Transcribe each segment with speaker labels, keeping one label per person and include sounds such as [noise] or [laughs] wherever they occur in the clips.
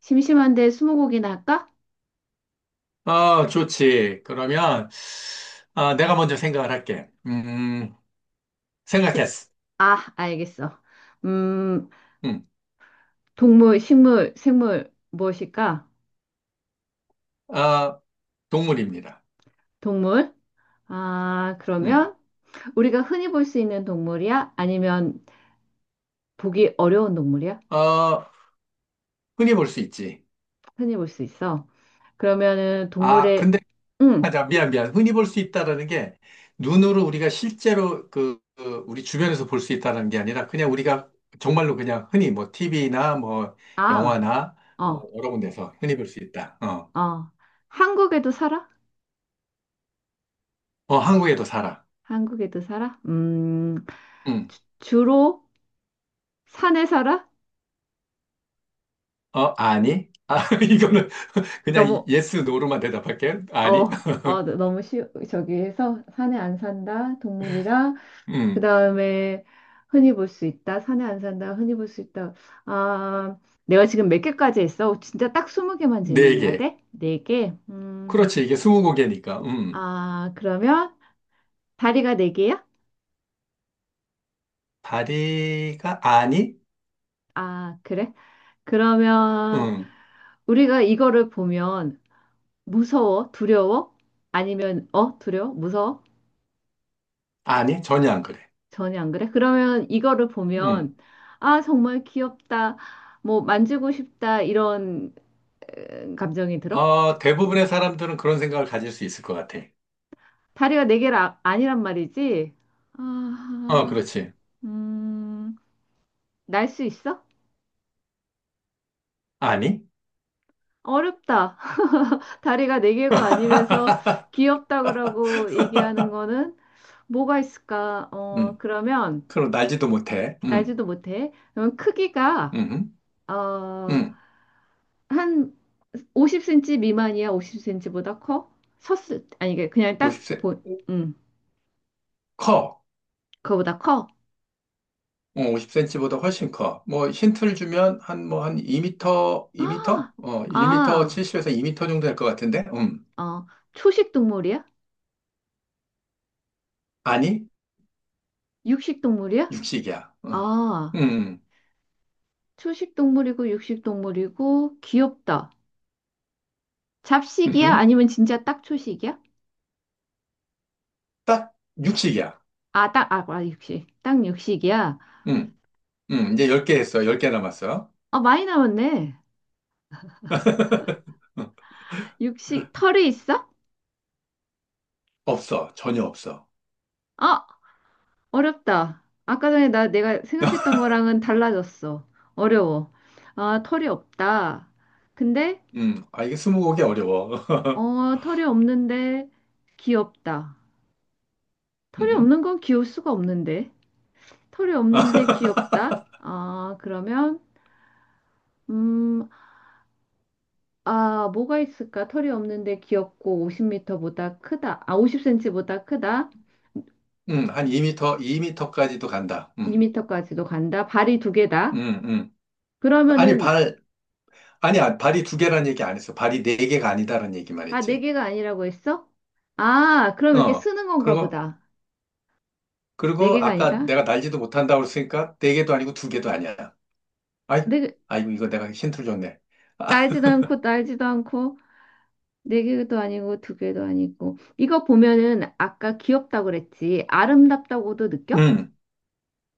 Speaker 1: 심심한데 스무고개나 할까?
Speaker 2: 아, 좋지. 그러면, 아, 내가 먼저 생각을 할게.
Speaker 1: 세-
Speaker 2: 생각했어.
Speaker 1: 아, 알겠어. 음,
Speaker 2: 음,
Speaker 1: 동물, 식물, 생물 무엇일까?
Speaker 2: 아, 동물입니다.
Speaker 1: 동물? 아,
Speaker 2: 음,
Speaker 1: 그러면 우리가 흔히 볼 수 있는 동물이야? 아니면 보기 어려운 동물이야?
Speaker 2: 어, 흔히 볼 수 있지.
Speaker 1: 흔히 볼 수 있어. 그러면은
Speaker 2: 아,
Speaker 1: 동물의.
Speaker 2: 근데,
Speaker 1: 음,
Speaker 2: 맞아. 미안, 미안. 흔히 볼 수 있다라는 게, 눈으로 우리가 실제로 그 우리 주변에서 볼 수 있다는 게 아니라, 그냥 우리가 정말로 그냥 흔히 뭐, TV나 뭐,
Speaker 1: 아,
Speaker 2: 영화나 뭐,
Speaker 1: 어,
Speaker 2: 여러 군데서 흔히 볼 수 있다.
Speaker 1: 어. 한국에도 살아?
Speaker 2: 한국에도 살아.
Speaker 1: 한국에도 살아?
Speaker 2: 음,
Speaker 1: 주로 산에 살아?
Speaker 2: 아니? 아, [laughs] 이거는 [laughs] 그냥
Speaker 1: 너무.
Speaker 2: 예스, 노로만 대답할게. 아니? [laughs]
Speaker 1: 너무 쉬, 저기 해서 산에 안 산다, 동물이다. 그
Speaker 2: 음,
Speaker 1: 다음에 흔히 볼 수 있다, 산에 안 산다, 흔히 볼 수 있다. 아, 내가 지금 몇 개까지 했어? 진짜 딱 20개만
Speaker 2: 네
Speaker 1: 질문해야
Speaker 2: 개.
Speaker 1: 돼? 네개
Speaker 2: 그렇지, 이게 스무 개니까.
Speaker 1: 아, 그러면 다리가 네개야
Speaker 2: 다리가 아니?
Speaker 1: 아, 그래? 그러면
Speaker 2: 음,
Speaker 1: 우리가 이거를 보면 무서워? 두려워? 아니면, 두려워? 무서워?
Speaker 2: 아니, 전혀 안 그래.
Speaker 1: 전혀 안 그래? 그러면 이거를
Speaker 2: 음,
Speaker 1: 보면, 아, 정말 귀엽다. 뭐, 만지고 싶다. 이런, 감정이 들어?
Speaker 2: 대부분의 사람들은 그런 생각을 가질 수 있을 것 같아.
Speaker 1: 다리가 네 개가 아- 니란 말이지?
Speaker 2: 어,
Speaker 1: 아,
Speaker 2: 그렇지.
Speaker 1: 음, 날 수 있어?
Speaker 2: 아니?
Speaker 1: 어렵다. [laughs] 다리가 네 개가 아니면서
Speaker 2: [laughs]
Speaker 1: 귀엽다 그러고 얘기하는 거는 뭐가 있을까?
Speaker 2: 음,
Speaker 1: 그러면
Speaker 2: 그럼 날지도 못해.
Speaker 1: 날지도 못해. 그러면 크기가,
Speaker 2: 음,
Speaker 1: 어,
Speaker 2: 음,
Speaker 1: 한 50cm 미만이야? 50cm보다 커? 섰을 때- 아니 이게 그냥 딱
Speaker 2: 50세.
Speaker 1: 보, 음,
Speaker 2: 커.
Speaker 1: 그거보다 커?
Speaker 2: 50cm보다 훨씬 커. 뭐 힌트를 주면 한 뭐 한 2미터, 2미터?
Speaker 1: 아,
Speaker 2: 1미터
Speaker 1: 아,
Speaker 2: 70에서 2미터 정도 될 것 같은데.
Speaker 1: 어, 초식 동물이야?
Speaker 2: 아니,
Speaker 1: 육식 동물이야?
Speaker 2: 육식이야. 어.
Speaker 1: 아,
Speaker 2: 음.
Speaker 1: 초식 동물이고 육식 동물이고 귀엽다.
Speaker 2: 음.
Speaker 1: 잡식이야?
Speaker 2: 음흠.
Speaker 1: 아니면 진짜 딱 초식이야?
Speaker 2: 딱 육식이야.
Speaker 1: 아, 딱, 아, 아, 육식. 딱 육식이야.
Speaker 2: 음. 음. 이제 10개 했어. 10개 남았어.
Speaker 1: 아, 많이 남았네.
Speaker 2: [laughs] 어,
Speaker 1: 육식, 털이 있어?
Speaker 2: 없어. 전혀 없어.
Speaker 1: 어, 어렵다. 아까 전에 나 내가 생각했던
Speaker 2: [laughs]
Speaker 1: 거랑은 달라졌어. 어려워. 아, 털이 없다. 근데,
Speaker 2: 아, 이게 스무고개 어려워. [laughs]
Speaker 1: 어, 털이 없는데 귀엽다. 털이
Speaker 2: 음.
Speaker 1: 없는 건 귀여울 수가 없는데. 털이 없는데 귀엽다.
Speaker 2: [laughs]
Speaker 1: 아, 그러면, 음, 아, 뭐가 있을까? 털이 없는데 귀엽고 50m보다 크다. 아, 50cm보다 크다.
Speaker 2: 한 2미터, 2미터까지도 간다. 음.
Speaker 1: 2m까지도 간다. 발이 두 개다.
Speaker 2: 음, 음. 아니,
Speaker 1: 그러면은,
Speaker 2: 발, 아니야, 발이 두 개라는 얘기 안 했어. 발이 네 개가 아니다라는 얘기만
Speaker 1: 아, 네
Speaker 2: 했지.
Speaker 1: 개가 아니라고 했어? 아, 그럼 이렇게
Speaker 2: 어.
Speaker 1: 쓰는 건가
Speaker 2: 그리고,
Speaker 1: 보다. 네
Speaker 2: 그리고
Speaker 1: 개가
Speaker 2: 아까
Speaker 1: 아니다?
Speaker 2: 내가 날지도 못한다고 했으니까 네 개도 아니고 두 개도 아니야. 아이,
Speaker 1: 네, 개-
Speaker 2: 아이고, 이거 내가 힌트를 줬네. 아,
Speaker 1: 날지도 않고 날지도 않고 네 개도 아니고 두 개도 아니고 이거 보면은 아까 귀엽다고 그랬지 아름답다고도
Speaker 2: [laughs]
Speaker 1: 느껴?
Speaker 2: 음.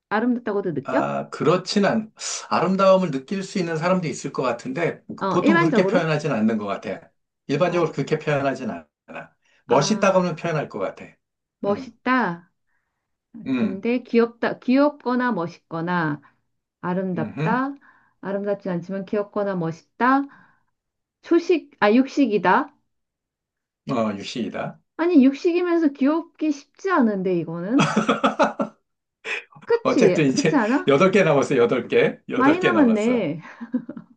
Speaker 1: 아름답다고도 느껴?
Speaker 2: 아, 그렇진 않, 아름다움을 느낄 수 있는 사람도 있을 것 같은데,
Speaker 1: 어
Speaker 2: 보통 그렇게
Speaker 1: 일반적으로?
Speaker 2: 표현하진 않는 것 같아.
Speaker 1: 아,
Speaker 2: 일반적으로 그렇게 표현하진 않아. 멋있다고는
Speaker 1: 아.
Speaker 2: 표현할 것 같아. 음,
Speaker 1: 멋있다.
Speaker 2: 음,
Speaker 1: 근데 귀엽다, 귀엽거나 멋있거나
Speaker 2: 음,
Speaker 1: 아름답다. 아름답지 않지만 귀엽거나 멋있다. 초식, 아 육식이다.
Speaker 2: 유시이다.
Speaker 1: 아니 육식이면서 귀엽기 쉽지 않은데 이거는.
Speaker 2: [laughs]
Speaker 1: 그치,
Speaker 2: 어쨌든
Speaker 1: 그치
Speaker 2: 이제
Speaker 1: 않아?
Speaker 2: 여덟 개 남았어, 여덟 개. 여덟
Speaker 1: 많이
Speaker 2: 개 남았어.
Speaker 1: 남았네.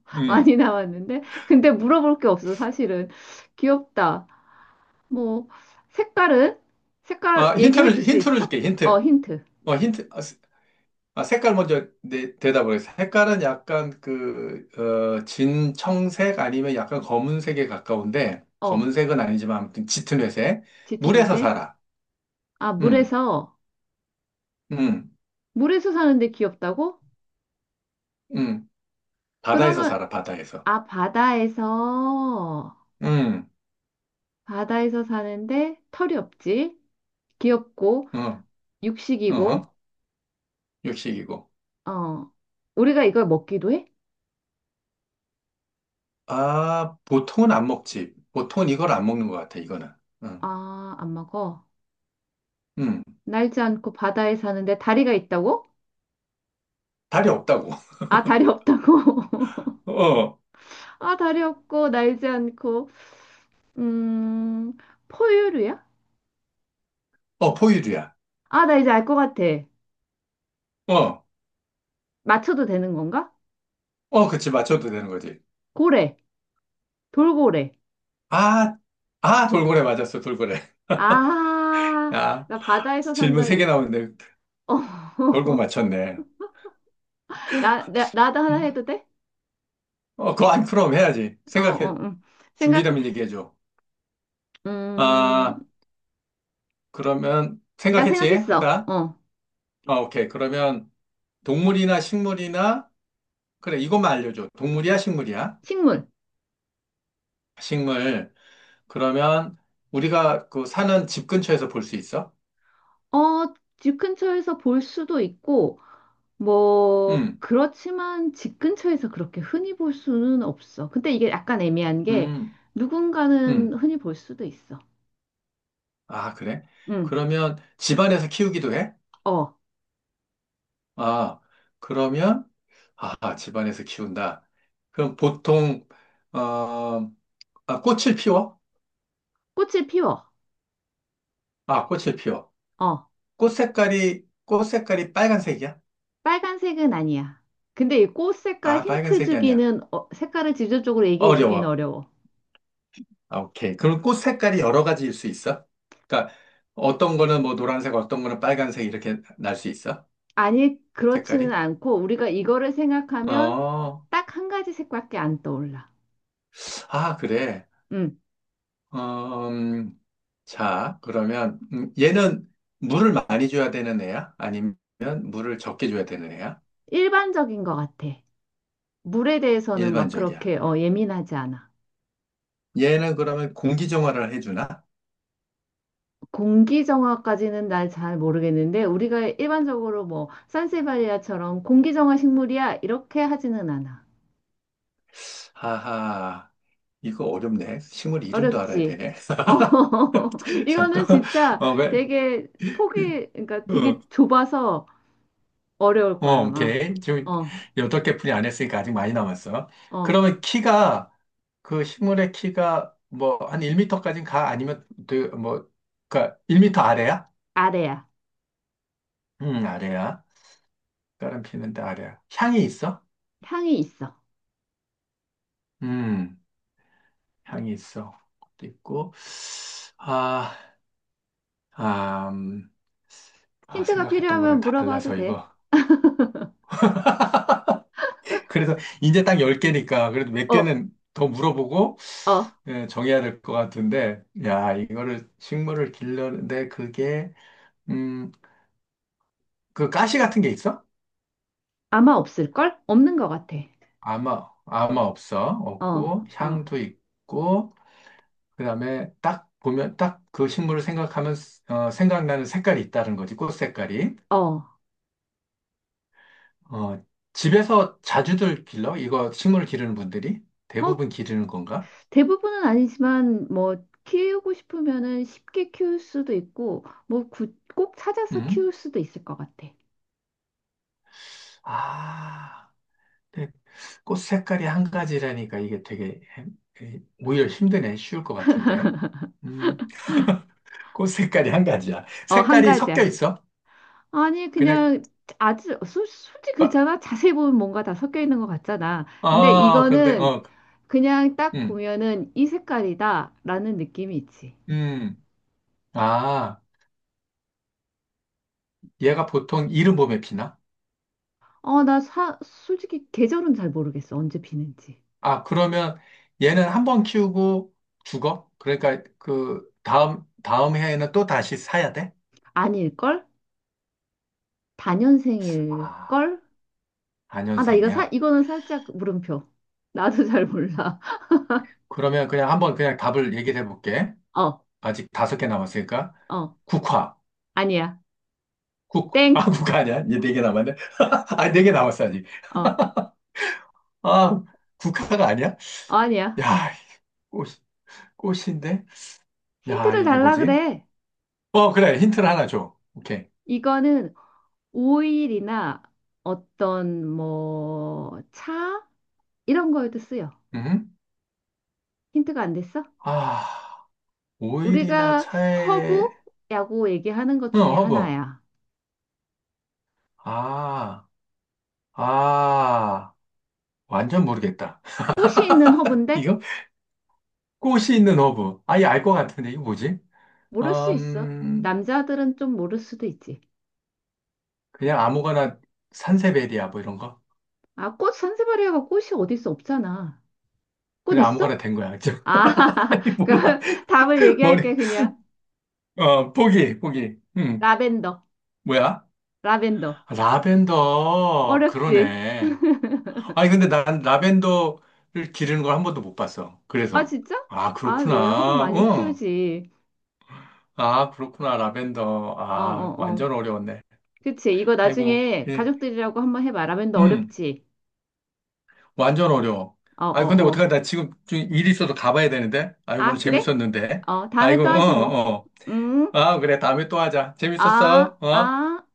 Speaker 1: [laughs]
Speaker 2: 음.
Speaker 1: 많이 나왔는데 근데 물어볼 게 없어 사실은. 귀엽다. 뭐 색깔은, 색깔
Speaker 2: 아,
Speaker 1: 얘기해 줄
Speaker 2: 힌트를,
Speaker 1: 수
Speaker 2: 힌트를
Speaker 1: 있어?
Speaker 2: 줄게,
Speaker 1: 어,
Speaker 2: 힌트.
Speaker 1: 힌트.
Speaker 2: 어, 힌트. 아, 아, 색깔 먼저 대답을 해서. 색깔은 약간 진청색 아니면 약간 검은색에 가까운데,
Speaker 1: 어,
Speaker 2: 검은색은 아니지만 아무튼 짙은 회색. 물에서
Speaker 1: 짙은색.
Speaker 2: 살아.
Speaker 1: 아,
Speaker 2: 음,
Speaker 1: 물에서.
Speaker 2: 음,
Speaker 1: 물에서 사는데 귀엽다고?
Speaker 2: 음. 바다에서
Speaker 1: 그러면,
Speaker 2: 살아, 바다에서.
Speaker 1: 아, 바다에서.
Speaker 2: 음,
Speaker 1: 바다에서 사는데 털이 없지, 귀엽고
Speaker 2: 어,
Speaker 1: 육식이고.
Speaker 2: 어, 육식이고.
Speaker 1: 어, 우리가 이걸 먹기도 해?
Speaker 2: 아, 보통은 안 먹지. 보통은 이걸 안 먹는 것 같아, 이거는. 음,
Speaker 1: 아, 안 먹어.
Speaker 2: 음.
Speaker 1: 날지 않고 바다에 사는데 다리가 있다고?
Speaker 2: 다리 없다고.
Speaker 1: 아, 다리 없다고. [laughs]
Speaker 2: 어,
Speaker 1: 아, 다리 없고, 날지 않고. 음, 포유류야?
Speaker 2: 어, 포유류야.
Speaker 1: 아, 나 이제 알 것 같아.
Speaker 2: 어,
Speaker 1: 맞춰도 되는 건가?
Speaker 2: 어, 그치, 맞춰도 되는 거지.
Speaker 1: 고래, 돌고래.
Speaker 2: 아, 아, 돌고래 맞았어, 돌고래. [laughs]
Speaker 1: 아,
Speaker 2: 야,
Speaker 1: 나 바다에서
Speaker 2: 질문
Speaker 1: 산다.
Speaker 2: 세
Speaker 1: 이-
Speaker 2: 개 나오는데
Speaker 1: 어,
Speaker 2: 결국
Speaker 1: [laughs]
Speaker 2: 맞췄네.
Speaker 1: 나도 하나 해도 돼?
Speaker 2: 어, 그거 안 그럼 해야지. 생각해.
Speaker 1: 응. 생각해.
Speaker 2: 준비되면 얘기해줘.
Speaker 1: 음,
Speaker 2: 아, 그러면
Speaker 1: 나
Speaker 2: 생각했지?
Speaker 1: 생각했어.
Speaker 2: 한다?
Speaker 1: 어,
Speaker 2: 아, 오케이. 그러면 동물이나 식물이나, 그래, 이것만 알려줘. 동물이야, 식물이야?
Speaker 1: 식물.
Speaker 2: 식물. 그러면 우리가 그 사는 집 근처에서 볼 수 있어?
Speaker 1: 어, 집 근처에서 볼 수도 있고, 뭐,
Speaker 2: 음,
Speaker 1: 그렇지만 집 근처에서 그렇게 흔히 볼 수는 없어. 근데 이게 약간 애매한 게
Speaker 2: 음,
Speaker 1: 누군가는
Speaker 2: 음.
Speaker 1: 흔히 볼 수도 있어.
Speaker 2: 아, 그래?
Speaker 1: 응,
Speaker 2: 그러면 집안에서 키우기도 해?
Speaker 1: 어,
Speaker 2: 아, 그러면, 아, 집안에서 키운다. 그럼 보통, 어, 아, 꽃을 피워?
Speaker 1: 꽃을 피워.
Speaker 2: 아, 꽃을 피워.
Speaker 1: 어,
Speaker 2: 꽃 색깔이 빨간색이야?
Speaker 1: 빨간색은 아니야. 근데 이 꽃 색깔
Speaker 2: 아,
Speaker 1: 힌트
Speaker 2: 빨간색이 아니야.
Speaker 1: 주기는, 어, 색깔을 직접적으로 얘기해 주기는
Speaker 2: 어려워.
Speaker 1: 어려워.
Speaker 2: 아, 오케이. 그럼 꽃 색깔이 여러 가지일 수 있어? 그러니까 어떤 거는 뭐 노란색, 어떤 거는 빨간색 이렇게 날 수 있어?
Speaker 1: 아니, 그렇지는
Speaker 2: 색깔이?
Speaker 1: 않고 우리가 이거를 생각하면
Speaker 2: 어,
Speaker 1: 딱 한 가지 색밖에 안 떠올라.
Speaker 2: 아, 그래.
Speaker 1: 응,
Speaker 2: 음, 자, 그러면 얘는 물을 많이 줘야 되는 애야? 아니면 물을 적게 줘야 되는 애야?
Speaker 1: 일반적인 것 같아. 물에 대해서는 막
Speaker 2: 일반적이야.
Speaker 1: 그렇게, 어, 예민하지 않아.
Speaker 2: 얘는 그러면 공기 정화를 해주나?
Speaker 1: 공기 정화까지는 날 잘 모르겠는데 우리가 일반적으로 뭐 산세바리아처럼 공기 정화 식물이야 이렇게 하지는 않아.
Speaker 2: 하하, 이거 어렵네. 식물 이름도 알아야
Speaker 1: 어렵지.
Speaker 2: 되네.
Speaker 1: 어, [laughs]
Speaker 2: [laughs]
Speaker 1: 이거는
Speaker 2: 잠깐,
Speaker 1: 진짜
Speaker 2: 왜?
Speaker 1: 되게 폭이 그러니까 되게 좁아서 어려울 거야 아마.
Speaker 2: 오케이. 지금
Speaker 1: 어,
Speaker 2: 여덟 개 분이 안 했으니까 아직 많이 남았어.
Speaker 1: 어,
Speaker 2: 그러면 키가, 그 식물의 키가 뭐 한1터까지는 가? 아니면 그 뭐, 그니까 1미터 아래야?
Speaker 1: 아래야.
Speaker 2: 아래야. 다른 피는데 아래야. 향이 있어?
Speaker 1: 향이 있어.
Speaker 2: 음, 향이 있어. 그것도 있고. 아, 아, 음,
Speaker 1: 힌트가
Speaker 2: 생각했던 거랑
Speaker 1: 필요하면 물어봐도
Speaker 2: 달라서
Speaker 1: 돼.
Speaker 2: 이거. [laughs] 그래서 이제 딱 10개니까 그래도 몇
Speaker 1: 어,
Speaker 2: 개는 더 물어보고
Speaker 1: 어,
Speaker 2: 예, 정해야 될 것 같은데 야 이거를 식물을 길러는데 그게 음 그 가시 같은 게 있어?
Speaker 1: 아마 없을걸? 없는 것 같아.
Speaker 2: 아마 없어
Speaker 1: 어,
Speaker 2: 없고
Speaker 1: 어,
Speaker 2: 향도 있고 그다음에 딱 보면 딱 그 식물을 생각하면 생각나는 색깔이 있다는 거지 꽃 색깔이
Speaker 1: 어.
Speaker 2: 어 집에서 자주들 길러? 이거 식물을 기르는 분들이
Speaker 1: 뭐
Speaker 2: 대부분 기르는 건가?
Speaker 1: 대부분은 아니지만 뭐 키우고 싶으면은 쉽게 키울 수도 있고 뭐 구- 꼭 찾아서
Speaker 2: 음.
Speaker 1: 키울 수도 있을 것 같아.
Speaker 2: 아. 꽃 색깔이 한 가지라니까 이게 되게 오히려 힘드네. 쉬울 것 같은데. 음, 꽃 색깔이 한 가지야.
Speaker 1: 어, 한
Speaker 2: 색깔이 섞여
Speaker 1: 가지야.
Speaker 2: 있어?
Speaker 1: 아니
Speaker 2: 그냥
Speaker 1: 그냥 아주 소- 솔직히
Speaker 2: 어,
Speaker 1: 그렇잖아. 자세히 보면 뭔가 다 섞여 있는 것 같잖아. 근데
Speaker 2: 그런데
Speaker 1: 이거는 그냥 딱
Speaker 2: 음,
Speaker 1: 보면은 이 색깔이다라는 느낌이 있지.
Speaker 2: 음, 아, 얘가 보통 이른 봄에 피나?
Speaker 1: 어, 나 사, 솔직히 계절은 잘 모르겠어. 언제 피는지.
Speaker 2: 아, 그러면 얘는 한 번 키우고 죽어? 그러니까 그 다음 다음 해에는 또 다시 사야 돼?
Speaker 1: 아닐걸?
Speaker 2: 아,
Speaker 1: 다년생일걸? 아, 나 이거 사,
Speaker 2: 안현생이야.
Speaker 1: 이거는 살짝 물음표. 나도 잘 몰라.
Speaker 2: 그러면 그냥 한번 그냥 답을 얘기를 해볼게.
Speaker 1: 어,
Speaker 2: 아직 다섯 개 남았으니까
Speaker 1: 어,
Speaker 2: 국화.
Speaker 1: 아니야. 땡.
Speaker 2: 국화 아니야? 이제 네 개 남았네. [laughs] 아, 네 개 남았어, 아직.
Speaker 1: 어, 어,
Speaker 2: 아, 국화가 아니야?
Speaker 1: 아니야.
Speaker 2: 야, 꽃, 꽃인데? 야,
Speaker 1: 힌트를
Speaker 2: 이게
Speaker 1: 달라
Speaker 2: 뭐지?
Speaker 1: 그래.
Speaker 2: 어, 그래. 힌트를 하나 줘. 오케이.
Speaker 1: 이거는 오일이나 어떤 뭐 차 이런 거에도 쓰여.
Speaker 2: 음?
Speaker 1: 힌트가 안 됐어?
Speaker 2: 아, 오일이나
Speaker 1: 우리가
Speaker 2: 차에,
Speaker 1: 허브라고 얘기하는 것
Speaker 2: 응,
Speaker 1: 중에
Speaker 2: 허브.
Speaker 1: 하나야.
Speaker 2: 아, 아, 완전 모르겠다. [laughs]
Speaker 1: 꽃이 있는 허브인데.
Speaker 2: 이거? 꽃이 있는 허브. 아예 알 것 같은데, 이거 뭐지?
Speaker 1: 모를 수 있어.
Speaker 2: 음,
Speaker 1: 남자들은 좀 모를 수도 있지.
Speaker 2: 그냥 아무거나 산세베리아, 뭐 이런 거?
Speaker 1: 아, 꽃. 산세바리아가 꽃이 어디 있어? 없잖아. 꽃
Speaker 2: 그냥
Speaker 1: 있어?
Speaker 2: 아무거나 된 거야.
Speaker 1: 아,
Speaker 2: [laughs] 아니,
Speaker 1: [laughs]
Speaker 2: 몰라.
Speaker 1: 그럼 답을
Speaker 2: 머리,
Speaker 1: 얘기할게 그냥.
Speaker 2: 보기.
Speaker 1: 라벤더.
Speaker 2: 뭐야?
Speaker 1: 라벤더.
Speaker 2: 아, 라벤더,
Speaker 1: 어렵지?
Speaker 2: 그러네. 아니, 근데 난 라벤더를 기르는 걸 한 번도 못 봤어.
Speaker 1: 아,
Speaker 2: 그래서.
Speaker 1: 진짜?
Speaker 2: 아,
Speaker 1: 아, 왜? 허브
Speaker 2: 그렇구나.
Speaker 1: 많이
Speaker 2: 응.
Speaker 1: 키우지.
Speaker 2: 아, 그렇구나. 라벤더.
Speaker 1: 어,
Speaker 2: 아,
Speaker 1: 어, 어.
Speaker 2: 완전 어려웠네.
Speaker 1: 그치. 이거
Speaker 2: 아이고,
Speaker 1: 나중에
Speaker 2: 예.
Speaker 1: 가족들이라고 한번 해봐. 라벤더
Speaker 2: 음,
Speaker 1: 어렵지?
Speaker 2: 완전 어려워.
Speaker 1: 어,
Speaker 2: 아니, 근데
Speaker 1: 어, 어.
Speaker 2: 어떡하나. 나 지금 좀 일이 있어서 가봐야 되는데. 아이고, 오늘
Speaker 1: 아, 그래?
Speaker 2: 재밌었는데.
Speaker 1: 어, 다음에
Speaker 2: 아이고,
Speaker 1: 또 하지 뭐.
Speaker 2: 어, 어.
Speaker 1: 음,
Speaker 2: 아, 그래. 다음에 또 하자.
Speaker 1: 아,
Speaker 2: 재밌었어. 어?
Speaker 1: 아.